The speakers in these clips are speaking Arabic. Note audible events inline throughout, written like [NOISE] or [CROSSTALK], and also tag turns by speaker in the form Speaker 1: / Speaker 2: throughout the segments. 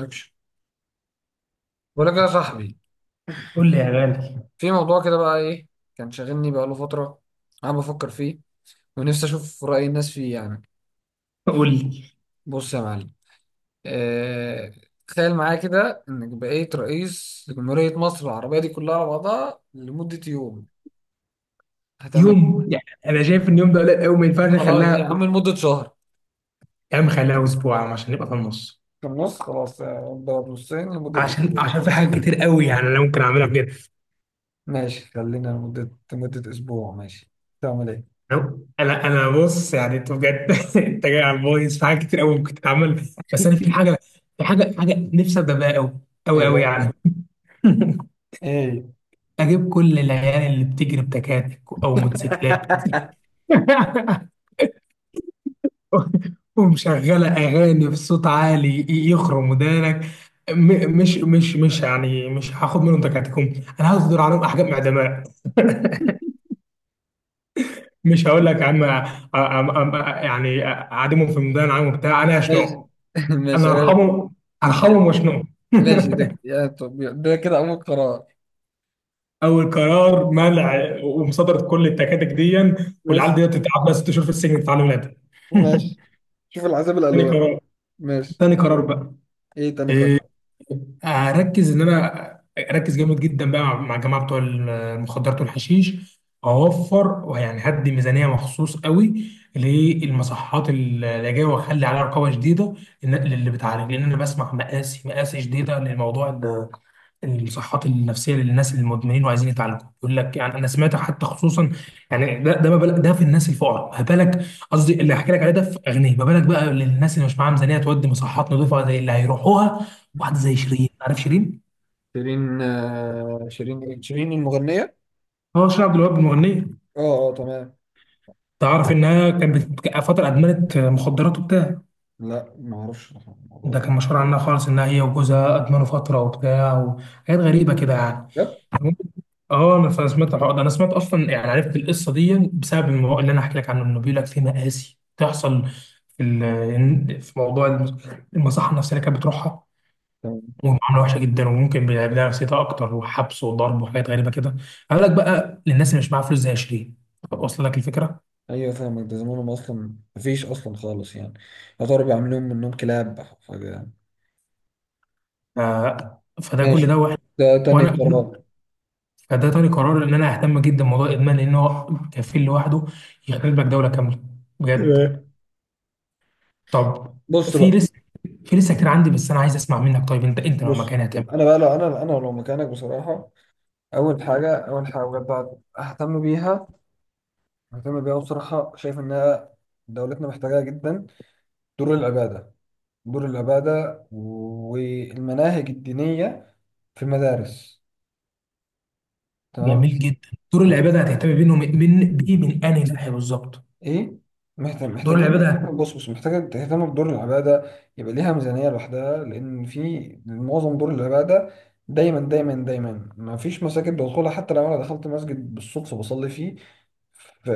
Speaker 1: اكشن. بقول لك يا صاحبي،
Speaker 2: قول لي يا غالي،
Speaker 1: في موضوع كده بقى، ايه كان شاغلني بقى له فتره، انا بفكر فيه ونفسي اشوف راي الناس فيه يعني.
Speaker 2: قول لي.
Speaker 1: بص يا معلم، آه... تخيل معايا كده انك بقيت رئيس لجمهوريه مصر العربيه دي كلها على بعضها لمده يوم، هتعمل إيه؟
Speaker 2: يوم، يعني انا شايف ان يوم ده قليل قوي، ما ينفعش
Speaker 1: خلاص إيه يا
Speaker 2: نخليها.
Speaker 1: عم، لمده شهر.
Speaker 2: يا عم خليها اسبوع يا عم عشان نبقى في النص.
Speaker 1: في النص خلاص، اضرب نصين لمده
Speaker 2: عشان
Speaker 1: اسبوع.
Speaker 2: عشان في حاجات كتير قوي، يعني انا ممكن اعملها بجد.
Speaker 1: ماشي، خلينا لمده اسبوع، ماشي. تعمل ايه؟
Speaker 2: انا انا أنا بص، يعني انت بجد. [LAUGHS] انت جاي على البايظ، في حاجات كتير قوي ممكن تتعمل. بس انا في حاجه، في حاجه نفسي ابدا بيها قوي قوي
Speaker 1: ايه
Speaker 2: قوي
Speaker 1: بقى؟
Speaker 2: يعني. [LAUGHS]
Speaker 1: ايه؟
Speaker 2: اجيب كل العيال اللي بتجري بتكاتك او موتوسيكلات.
Speaker 1: [LAUGHS]
Speaker 2: [LAUGHS] [LAUGHS] ومشغلة أغاني بصوت عالي يخرم ودانك. م- مش مش مش يعني مش هاخد منهم تكاتكهم، أنا هصدر عليهم أحكام إعدامات. مش هقول لك يا عم، يعني أعدمهم في ميدان عام وبتاع، أنا
Speaker 1: ماشي.
Speaker 2: هشنقهم.
Speaker 1: [LAUGHS] ماشي،
Speaker 2: أنا هرحمهم، هرحمهم وأشنقهم.
Speaker 1: ماشي
Speaker 2: [LAUGHS]
Speaker 1: ده، يا طب ده كده أول قرار.
Speaker 2: أول قرار: منع ومصادرة كل التكاتك دي، والعيال
Speaker 1: ماشي،
Speaker 2: دي تتعب لها 6 شهور في السجن تتعلم لها. [LAUGHS]
Speaker 1: ماشي. شوف العذاب
Speaker 2: تاني
Speaker 1: الألوان.
Speaker 2: قرار،
Speaker 1: ماشي.
Speaker 2: تاني قرار بقى،
Speaker 1: إيه تاني
Speaker 2: إيه،
Speaker 1: قرار؟
Speaker 2: هركز ان انا اركز جامد جدا بقى مع الجماعه بتوع المخدرات والحشيش. اوفر، ويعني هدي ميزانيه مخصوص قوي للمصحات اللي جايه، واخلي عليها رقابه شديده للي بتعالج. لان انا بسمع مقاسي مقاسي شديده للموضوع، الصحات النفسيه للناس المدمنين وعايزين يتعالجوا. يقول لك يعني انا سمعت حتى خصوصا، يعني ده ما بالك، ده في الناس الفقراء ما بالك. قصدي اللي هحكي لك عليه ده في اغنيه، ما بالك بقى للناس اللي مش معاها ميزانيه تودي مصحات نظيفه زي اللي هيروحوها. واحده زي شيرين، عارف شيرين؟
Speaker 1: شيرين، آه، شيرين إيه؟ شيرين المغنية؟
Speaker 2: اه، شيرين عبد الوهاب المغنيه.
Speaker 1: اه. اه تمام.
Speaker 2: تعرف انها كانت فتره ادمنت مخدرات وبتاع.
Speaker 1: لا، ما اعرفش الموضوع
Speaker 2: ده
Speaker 1: ده.
Speaker 2: كان مشهور عنها خالص، انها هي وجوزها ادمنوا فتره وبتاع، وحاجات غريبه كده يعني.
Speaker 1: بجد؟
Speaker 2: اه انا سمعت الحوار ده، انا سمعت اصلا، يعني عرفت القصه دي بسبب الموضوع اللي انا هحكي لك عنه، انه بيقول لك في مآسي بتحصل في في موضوع المصحه النفسيه اللي كانت بتروحها،
Speaker 1: تمام.
Speaker 2: ومعامله وحشه جدا، وممكن بيلعب لها نفسيتها اكتر، وحبس وضرب وحاجات غريبه كده. قال لك بقى للناس اللي مش معاها فلوس زي شيرين، واصل لك الفكره.
Speaker 1: ايوه، فاهمك، ده زمانهم اصلا مفيش اصلا خالص يعني. يا ترى بيعملوا منهم كلاب أو حاجه يعني.
Speaker 2: ف... فده كل
Speaker 1: ماشي،
Speaker 2: ده واحد.
Speaker 1: ده تاني
Speaker 2: وانا
Speaker 1: قرار.
Speaker 2: [CLEARS THROAT] فده تاني قرار، ان انا اهتم جدا بموضوع الادمان، لان هو كفيل لوحده يخرب لك دوله كامله بجد.
Speaker 1: تمام.
Speaker 2: طب،
Speaker 1: بص
Speaker 2: في
Speaker 1: بقى.
Speaker 2: لسه، كتير عندي، بس انا عايز اسمع منك. طيب، انت لو
Speaker 1: بص،
Speaker 2: مكاني هتعمل
Speaker 1: طب انا بقى لو انا لو مكانك بصراحه، اول حاجه، اول حاجه بجد ههتم بيها، مهتم بيها بصراحة، شايف إنها دولتنا محتاجاها جدا، دور العبادة، دور العبادة والمناهج الدينية في المدارس.
Speaker 2: إيه؟
Speaker 1: تمام.
Speaker 2: جميل جدا. دور
Speaker 1: مح...
Speaker 2: العباده هتهتم بينه من بايه؟ من انهي ناحيه بالظبط؟
Speaker 1: إيه؟
Speaker 2: دور
Speaker 1: محتاجين.
Speaker 2: العباده.
Speaker 1: بص بص، محتاجة تهتم بدور العبادة، يبقى ليها ميزانية لوحدها، لأن في معظم دور العبادة دايما دايما ما فيش مساجد بدخلها. حتى لو أنا دخلت مسجد بالصدفة بصلي فيه، ف-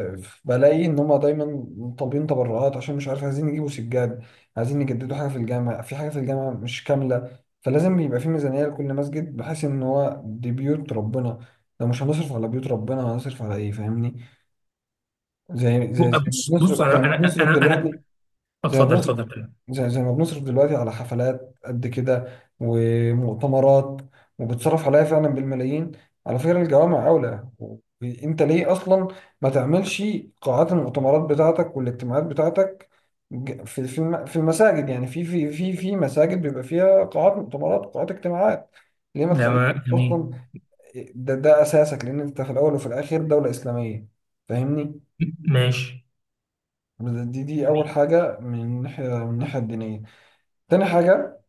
Speaker 1: بلاقي ان هم دايما طالبين تبرعات، عشان مش عارف، عايزين يجيبوا سجاد، عايزين يجددوا حاجه في الجامع، في حاجه في الجامع مش كامله. فلازم يبقى في ميزانيه لكل مسجد، بحيث ان هو دي بيوت ربنا. لو مش هنصرف على بيوت ربنا هنصرف على ايه؟ فاهمني؟ زي زي ما
Speaker 2: بص بص،
Speaker 1: بنصرف، زي
Speaker 2: انا
Speaker 1: ما
Speaker 2: انا
Speaker 1: بنصرف
Speaker 2: انا انا
Speaker 1: دلوقتي زي ما
Speaker 2: اتفضل
Speaker 1: بنصرف
Speaker 2: اتفضل.
Speaker 1: زي ما بنصرف دلوقتي على حفلات قد كده ومؤتمرات، وبتصرف عليها فعلا بالملايين. على فكرة الجوامع أولى. انت ليه أصلا ما تعملش قاعات المؤتمرات بتاعتك والاجتماعات بتاعتك، في المساجد؟ يعني في مساجد بيبقى فيها قاعات مؤتمرات وقاعات اجتماعات. ليه ما
Speaker 2: لا،
Speaker 1: تخليك
Speaker 2: جميل.
Speaker 1: أصلا، ده ده أساسك، لأن أنت في الأول وفي الآخر دولة إسلامية. فاهمني؟
Speaker 2: ماشي.
Speaker 1: دي أول
Speaker 2: جميل.
Speaker 1: حاجة من الناحية من الناحية الدينية. تاني حاجة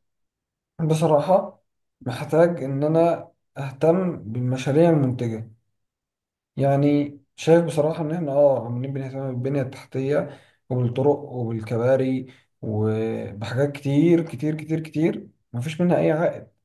Speaker 1: بصراحة، محتاج إن أنا أهتم بالمشاريع المنتجة. يعني شايف بصراحة إن إحنا آه عمالين بنهتم بالبنية التحتية وبالطرق وبالكباري وبحاجات كتير، مفيش منها أي عائد.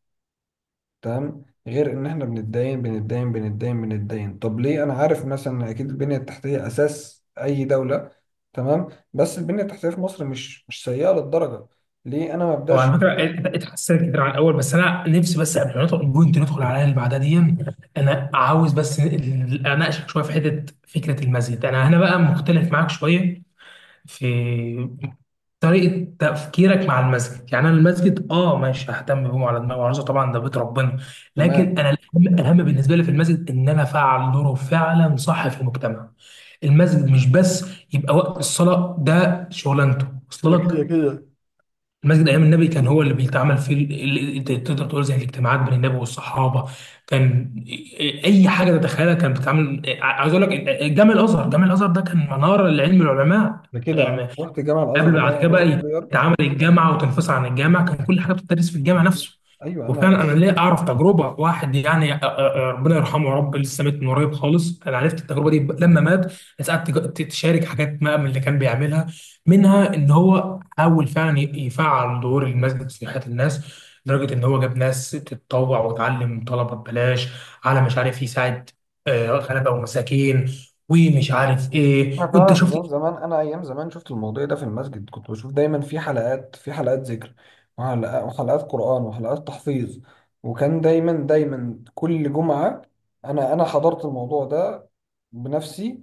Speaker 1: تمام؟ غير إن إحنا بنتداين. طب ليه؟ أنا عارف مثلا إن أكيد البنية التحتية أساس أي دولة، تمام، بس البنية التحتية في مصر مش سيئة للدرجة، ليه أنا ما
Speaker 2: هو
Speaker 1: أبدأش؟
Speaker 2: على فكره اتحسنت كتير عن الاول، بس انا نفسي بس قبل ما ندخل البوينت ندخل على اللي بعدها دي. انا عاوز بس اناقشك شويه في حته فكره المسجد، انا هنا بقى مختلف معاك شويه في طريقة تفكيرك مع المسجد. يعني أنا المسجد، آه، ماشي، ههتم بيه على دماغي وعروسه، طبعا ده بيت ربنا. لكن
Speaker 1: تمام.
Speaker 2: أنا، الأهم الأهم بالنسبة لي في المسجد إن أنا أفعل دوره فعلا صح في المجتمع. المسجد مش بس يبقى وقت الصلاة ده شغلانته، وصل لك.
Speaker 1: يا كده.
Speaker 2: المسجد أيام النبي كان هو اللي بيتعمل فيه تقدر تقول زي الاجتماعات بين النبي والصحابة. كان أي حاجة تتخيلها كانت بتتعمل، عايز أقول لك جامع الأزهر. جامع الأزهر ده كان منارة لعلم العلماء
Speaker 1: ده كده انا
Speaker 2: يعني.
Speaker 1: رحت جامع
Speaker 2: قبل
Speaker 1: الازهر ده
Speaker 2: بعد كده
Speaker 1: وانا
Speaker 2: بقى
Speaker 1: صغير.
Speaker 2: يتعامل الجامعه وتنفصل عن الجامعه، كان كل حاجه بتدرس في الجامعه
Speaker 1: بالظبط.
Speaker 2: نفسه.
Speaker 1: ايوه
Speaker 2: وفعلا
Speaker 1: انا.
Speaker 2: انا ليه اعرف تجربه واحد، يعني ربنا يرحمه يا رب، لسه مات من قريب خالص، انا عرفت التجربه دي لما مات. ناس قعدت تشارك حاجات ما من اللي كان بيعملها، منها ان هو حاول فعلا يفعل دور المسجد في حياه الناس، لدرجه ان هو جاب ناس تتطوع وتعلم طلبه ببلاش، على مش عارف يساعد، آه، غلبه ومساكين، ومش عارف ايه،
Speaker 1: انا
Speaker 2: وانت
Speaker 1: فعلا
Speaker 2: شفت.
Speaker 1: ايام زمان، شفت الموضوع ده في المسجد، كنت بشوف دايما في حلقات ذكر، وحلقات قرآن، وحلقات تحفيظ. وكان دايما كل جمعة. انا حضرت الموضوع ده بنفسي.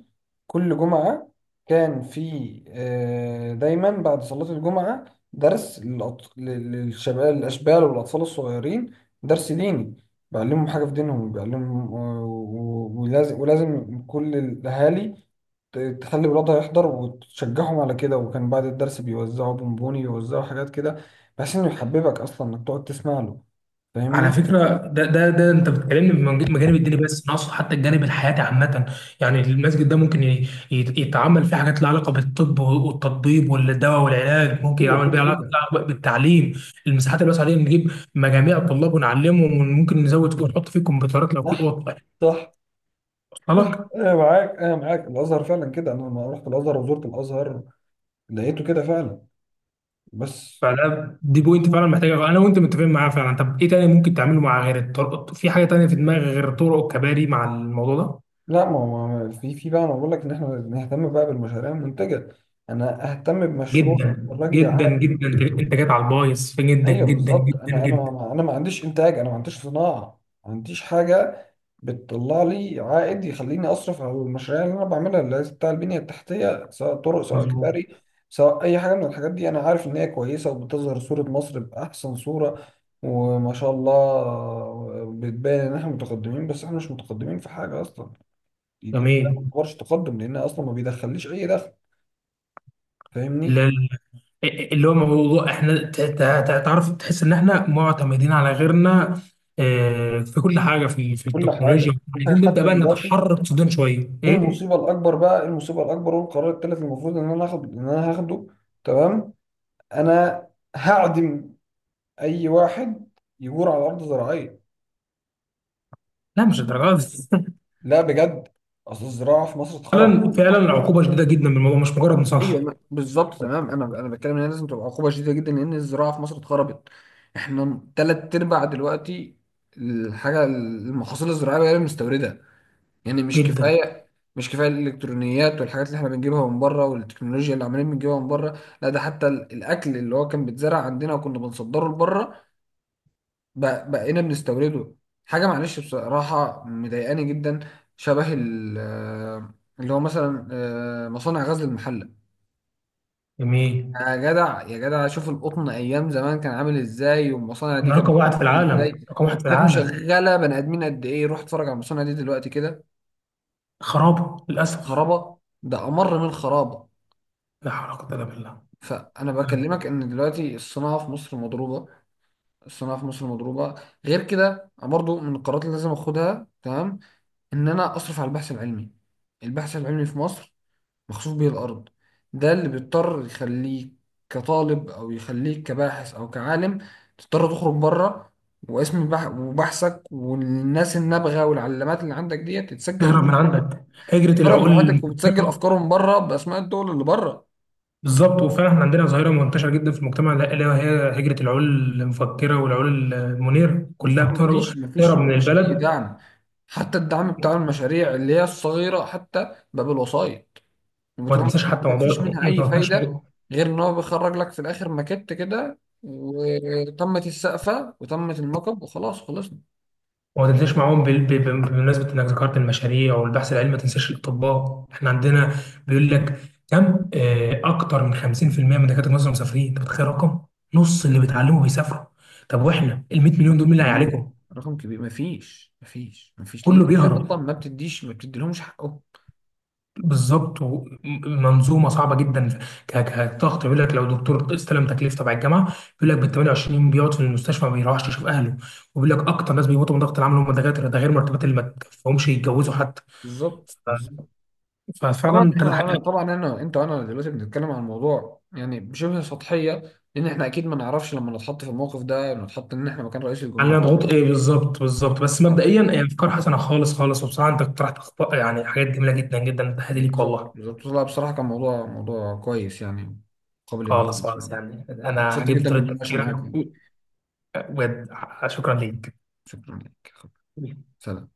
Speaker 1: كل جمعة كان في، آه، دايما بعد صلاة الجمعة، درس للشباب الاشبال والاطفال الصغيرين، درس ديني بيعلمهم حاجة في دينهم، بيعلمهم، آه، ولازم كل الاهالي تخلي ولادها يحضر وتشجعهم على كده. وكان بعد الدرس بيوزعوا بونبوني، بيوزعوا حاجات كده بحيث انه يحببك اصلا انك تقعد تسمع له،
Speaker 2: على
Speaker 1: فاهمني؟
Speaker 2: فكرة ده انت بتكلمني من مجانب الديني، بس انا اقصد حتى الجانب الحياتي عامة. يعني المسجد ده ممكن يتعمل فيه حاجات لها علاقة بالطب والتطبيب والدواء والعلاج، ممكن
Speaker 1: ايوه
Speaker 2: يعمل
Speaker 1: كده،
Speaker 2: بيها علاقة،
Speaker 1: كده
Speaker 2: لها علاقة بالتعليم. المساحات الواسعة دي نجيب مجاميع الطلاب ونعلمهم، وممكن نزود ونحط فيه كمبيوترات لو في
Speaker 1: صح،
Speaker 2: اوض،
Speaker 1: صح.
Speaker 2: وصل لك.
Speaker 1: انا معاك، انا معاك. الازهر فعلا كده، انا لما رحت الازهر وزرت الازهر لقيته كده فعلا. بس،
Speaker 2: فده دي بوينت فعلا محتاجة، انا وانت متفقين معاها فعلا. طب ايه تاني ممكن تعمله مع غير الطرق؟ في حاجة تانية في دماغك غير الطرق والكباري مع الموضوع ده؟
Speaker 1: لا ما هو في بقى، انا بقول لك ان احنا نهتم بقى بالمشاريع المنتجه. انا اهتم بمشروع
Speaker 2: جدا
Speaker 1: يخرج لي
Speaker 2: جدا
Speaker 1: عائد.
Speaker 2: جدا، انت جات على البايظ جدا
Speaker 1: ايوه
Speaker 2: جدا
Speaker 1: بالظبط،
Speaker 2: جدا
Speaker 1: انا انا
Speaker 2: جدا.
Speaker 1: ما انا ما عنديش انتاج، انا ما عنديش صناعه، ما عنديش حاجه بتطلع لي عائد يخليني اصرف على المشاريع اللي انا بعملها، اللي هي بتاع البنيه التحتيه، سواء طرق، سواء
Speaker 2: مظبوط.
Speaker 1: كباري، سواء اي حاجه من الحاجات دي. انا عارف ان هي كويسه وبتظهر صوره مصر باحسن صوره، وما شاء الله بتبان ان احنا متقدمين، بس احنا مش متقدمين في حاجه اصلا. دي ما
Speaker 2: جميل.
Speaker 1: تعتبرش تقدم لانها اصلا ما بيدخليش اي دخل، فاهمني؟
Speaker 2: اللي, اللي هو موضوع احنا تعرف تحس ان احنا معتمدين على غيرنا، آه، في كل حاجه، في
Speaker 1: كل حاجه،
Speaker 2: التكنولوجيا.
Speaker 1: كل حاجه
Speaker 2: عايزين نبدا
Speaker 1: حتى
Speaker 2: بقى
Speaker 1: دلوقتي.
Speaker 2: نتحرر صدورنا شويه
Speaker 1: ايه
Speaker 2: ايه.
Speaker 1: المصيبه الاكبر بقى، إيه المصيبه الاكبر والقرار الثالث المفروض ان انا هاخد ان انا هاخده. تمام؟ انا هعدم اي واحد يجور على ارض زراعيه.
Speaker 2: لا، مش الدرجات دي. [LAUGHS]
Speaker 1: لا بجد، اصل الزراعه في مصر اتخربت.
Speaker 2: فعلا فعلا العقوبه شديده جدا من الموضوع، مش مجرد
Speaker 1: ايوه
Speaker 2: مصالحه.
Speaker 1: بالظبط تمام. انا بتكلم ان هي لازم تبقى عقوبه شديده جدا، لان الزراعه في مصر اتخربت. احنا تلات ارباع دلوقتي الحاجه، المحاصيل الزراعيه هي اللي مستورده. يعني مش
Speaker 2: جدا.
Speaker 1: كفايه، مش كفايه الالكترونيات والحاجات اللي احنا بنجيبها من بره والتكنولوجيا اللي عمالين بنجيبها من بره. لا ده حتى الاكل اللي هو كان بيتزرع عندنا وكنا بنصدره لبره، بقينا بنستورده. حاجه معلش بصراحه مضايقاني جدا، شبه اللي هو مثلا، آه، مصانع غزل المحله.
Speaker 2: جميل.
Speaker 1: يا جدع، يا جدع شوف القطن ايام زمان كان عامل ازاي، والمصانع دي
Speaker 2: انا رقم
Speaker 1: كانت
Speaker 2: واحد في
Speaker 1: بتمشي
Speaker 2: العالم،
Speaker 1: ازاي،
Speaker 2: رقم واحد في
Speaker 1: كانت
Speaker 2: العالم.
Speaker 1: مشغله بني ادمين قد ايه. روح اتفرج على المصانع دي دلوقتي كده،
Speaker 2: خراب للاسف.
Speaker 1: خرابه، ده امر من خرابه.
Speaker 2: لا حول ولا قوه الا بالله.
Speaker 1: فانا بكلمك ان دلوقتي الصناعه في مصر مضروبه، الصناعه في مصر مضروبه. غير كده أنا برضو من القرارات اللي لازم اخدها، تمام، ان انا اصرف على البحث العلمي. البحث العلمي في مصر مخسوف به الارض. ده اللي بيضطر يخليك كطالب، او يخليك كباحث او كعالم، تضطر تخرج بره. واسم وبحثك والناس النابغه والعلامات اللي عندك ديت تتسجل،
Speaker 2: تهرب من عندك، هجرة
Speaker 1: تضرب
Speaker 2: العقول
Speaker 1: لوحدك، وبتسجل
Speaker 2: المفكرة.
Speaker 1: افكارهم بره باسماء الدول اللي بره.
Speaker 2: بالظبط، وفعلا احنا عندنا ظاهرة منتشرة جدا في المجتمع ده، اللي هي هجرة العقول المفكرة والعقول المنيرة، كلها
Speaker 1: بالظبط،
Speaker 2: بتهرب، تهرب من
Speaker 1: مفيش أي
Speaker 2: البلد.
Speaker 1: دعم. حتى الدعم بتاع المشاريع اللي هي الصغيرة حتى بقى بالوسايط،
Speaker 2: وما
Speaker 1: بتبقى
Speaker 2: تنساش
Speaker 1: مشاريع
Speaker 2: حتى
Speaker 1: مفيش
Speaker 2: موضوع،
Speaker 1: منها
Speaker 2: ما
Speaker 1: أي
Speaker 2: تنساش
Speaker 1: فايدة،
Speaker 2: موضوع،
Speaker 1: غير إن هو بيخرج لك في الآخر ماكيت كده، وتمت السقفة وتمت الموكب وخلاص خلصنا.
Speaker 2: وما تنساش معاهم بمناسبة انك ذكرت المشاريع والبحث العلمي، ما تنساش الاطباء. احنا عندنا بيقول لك كم، آه، اكتر من 50% من دكاترة مصر مسافرين. انت متخيل رقم؟ نص اللي بيتعلموا بيسافروا. طب واحنا ال 100 مليون دول،
Speaker 1: رقم
Speaker 2: مين اللي
Speaker 1: كبير،
Speaker 2: هيعالجهم؟
Speaker 1: رقم كبير. مفيش، لأن
Speaker 2: كله
Speaker 1: أنت
Speaker 2: بيهرب،
Speaker 1: أصلا ما بتديش، ما بتديلهمش حقهم.
Speaker 2: بالظبط. منظومه صعبه جدا. كضغط، يقول لك لو دكتور استلم تكليف تبع الجامعه بيقول لك بال 28 يوم بيقعد في المستشفى ما بيروحش يشوف اهله، وبيقول لك اكتر ناس بيموتوا من ضغط العمل هم الدكاتره، ده غير مرتبات اللي
Speaker 1: مم.
Speaker 2: ما تكفيهمش يتجوزوا حتى.
Speaker 1: بالظبط،
Speaker 2: ف-
Speaker 1: بالظبط. طبعا
Speaker 2: ففعلا ثلاث
Speaker 1: احنا، انا
Speaker 2: حاجات
Speaker 1: طبعا انا انت وانا دلوقتي بنتكلم عن الموضوع يعني بشبه سطحيه، لان احنا اكيد ما نعرفش لما نتحط في الموقف ده، نتحط ان احنا مكان رئيس
Speaker 2: علينا
Speaker 1: الجمهوريه.
Speaker 2: ضغوط، ايه بالظبط بالظبط. بس
Speaker 1: آه،
Speaker 2: مبدئيا هي افكار حسنه خالص خالص، وبصراحه انت اقترحت، يعني حاجات جميله جدا جدا، تحياتي ليك
Speaker 1: بالظبط،
Speaker 2: والله.
Speaker 1: بالظبط. لا بصراحه كان موضوع كويس يعني، قابل
Speaker 2: خالص
Speaker 1: للنقاش
Speaker 2: خالص،
Speaker 1: يعني.
Speaker 2: يعني انا
Speaker 1: انبسطت
Speaker 2: عجبني
Speaker 1: جدا
Speaker 2: طريقه
Speaker 1: بالمناقشه
Speaker 2: تفكيرك
Speaker 1: معاك يعني.
Speaker 2: بجد. شكرا
Speaker 1: شكرا لك.
Speaker 2: ليك.
Speaker 1: سلام.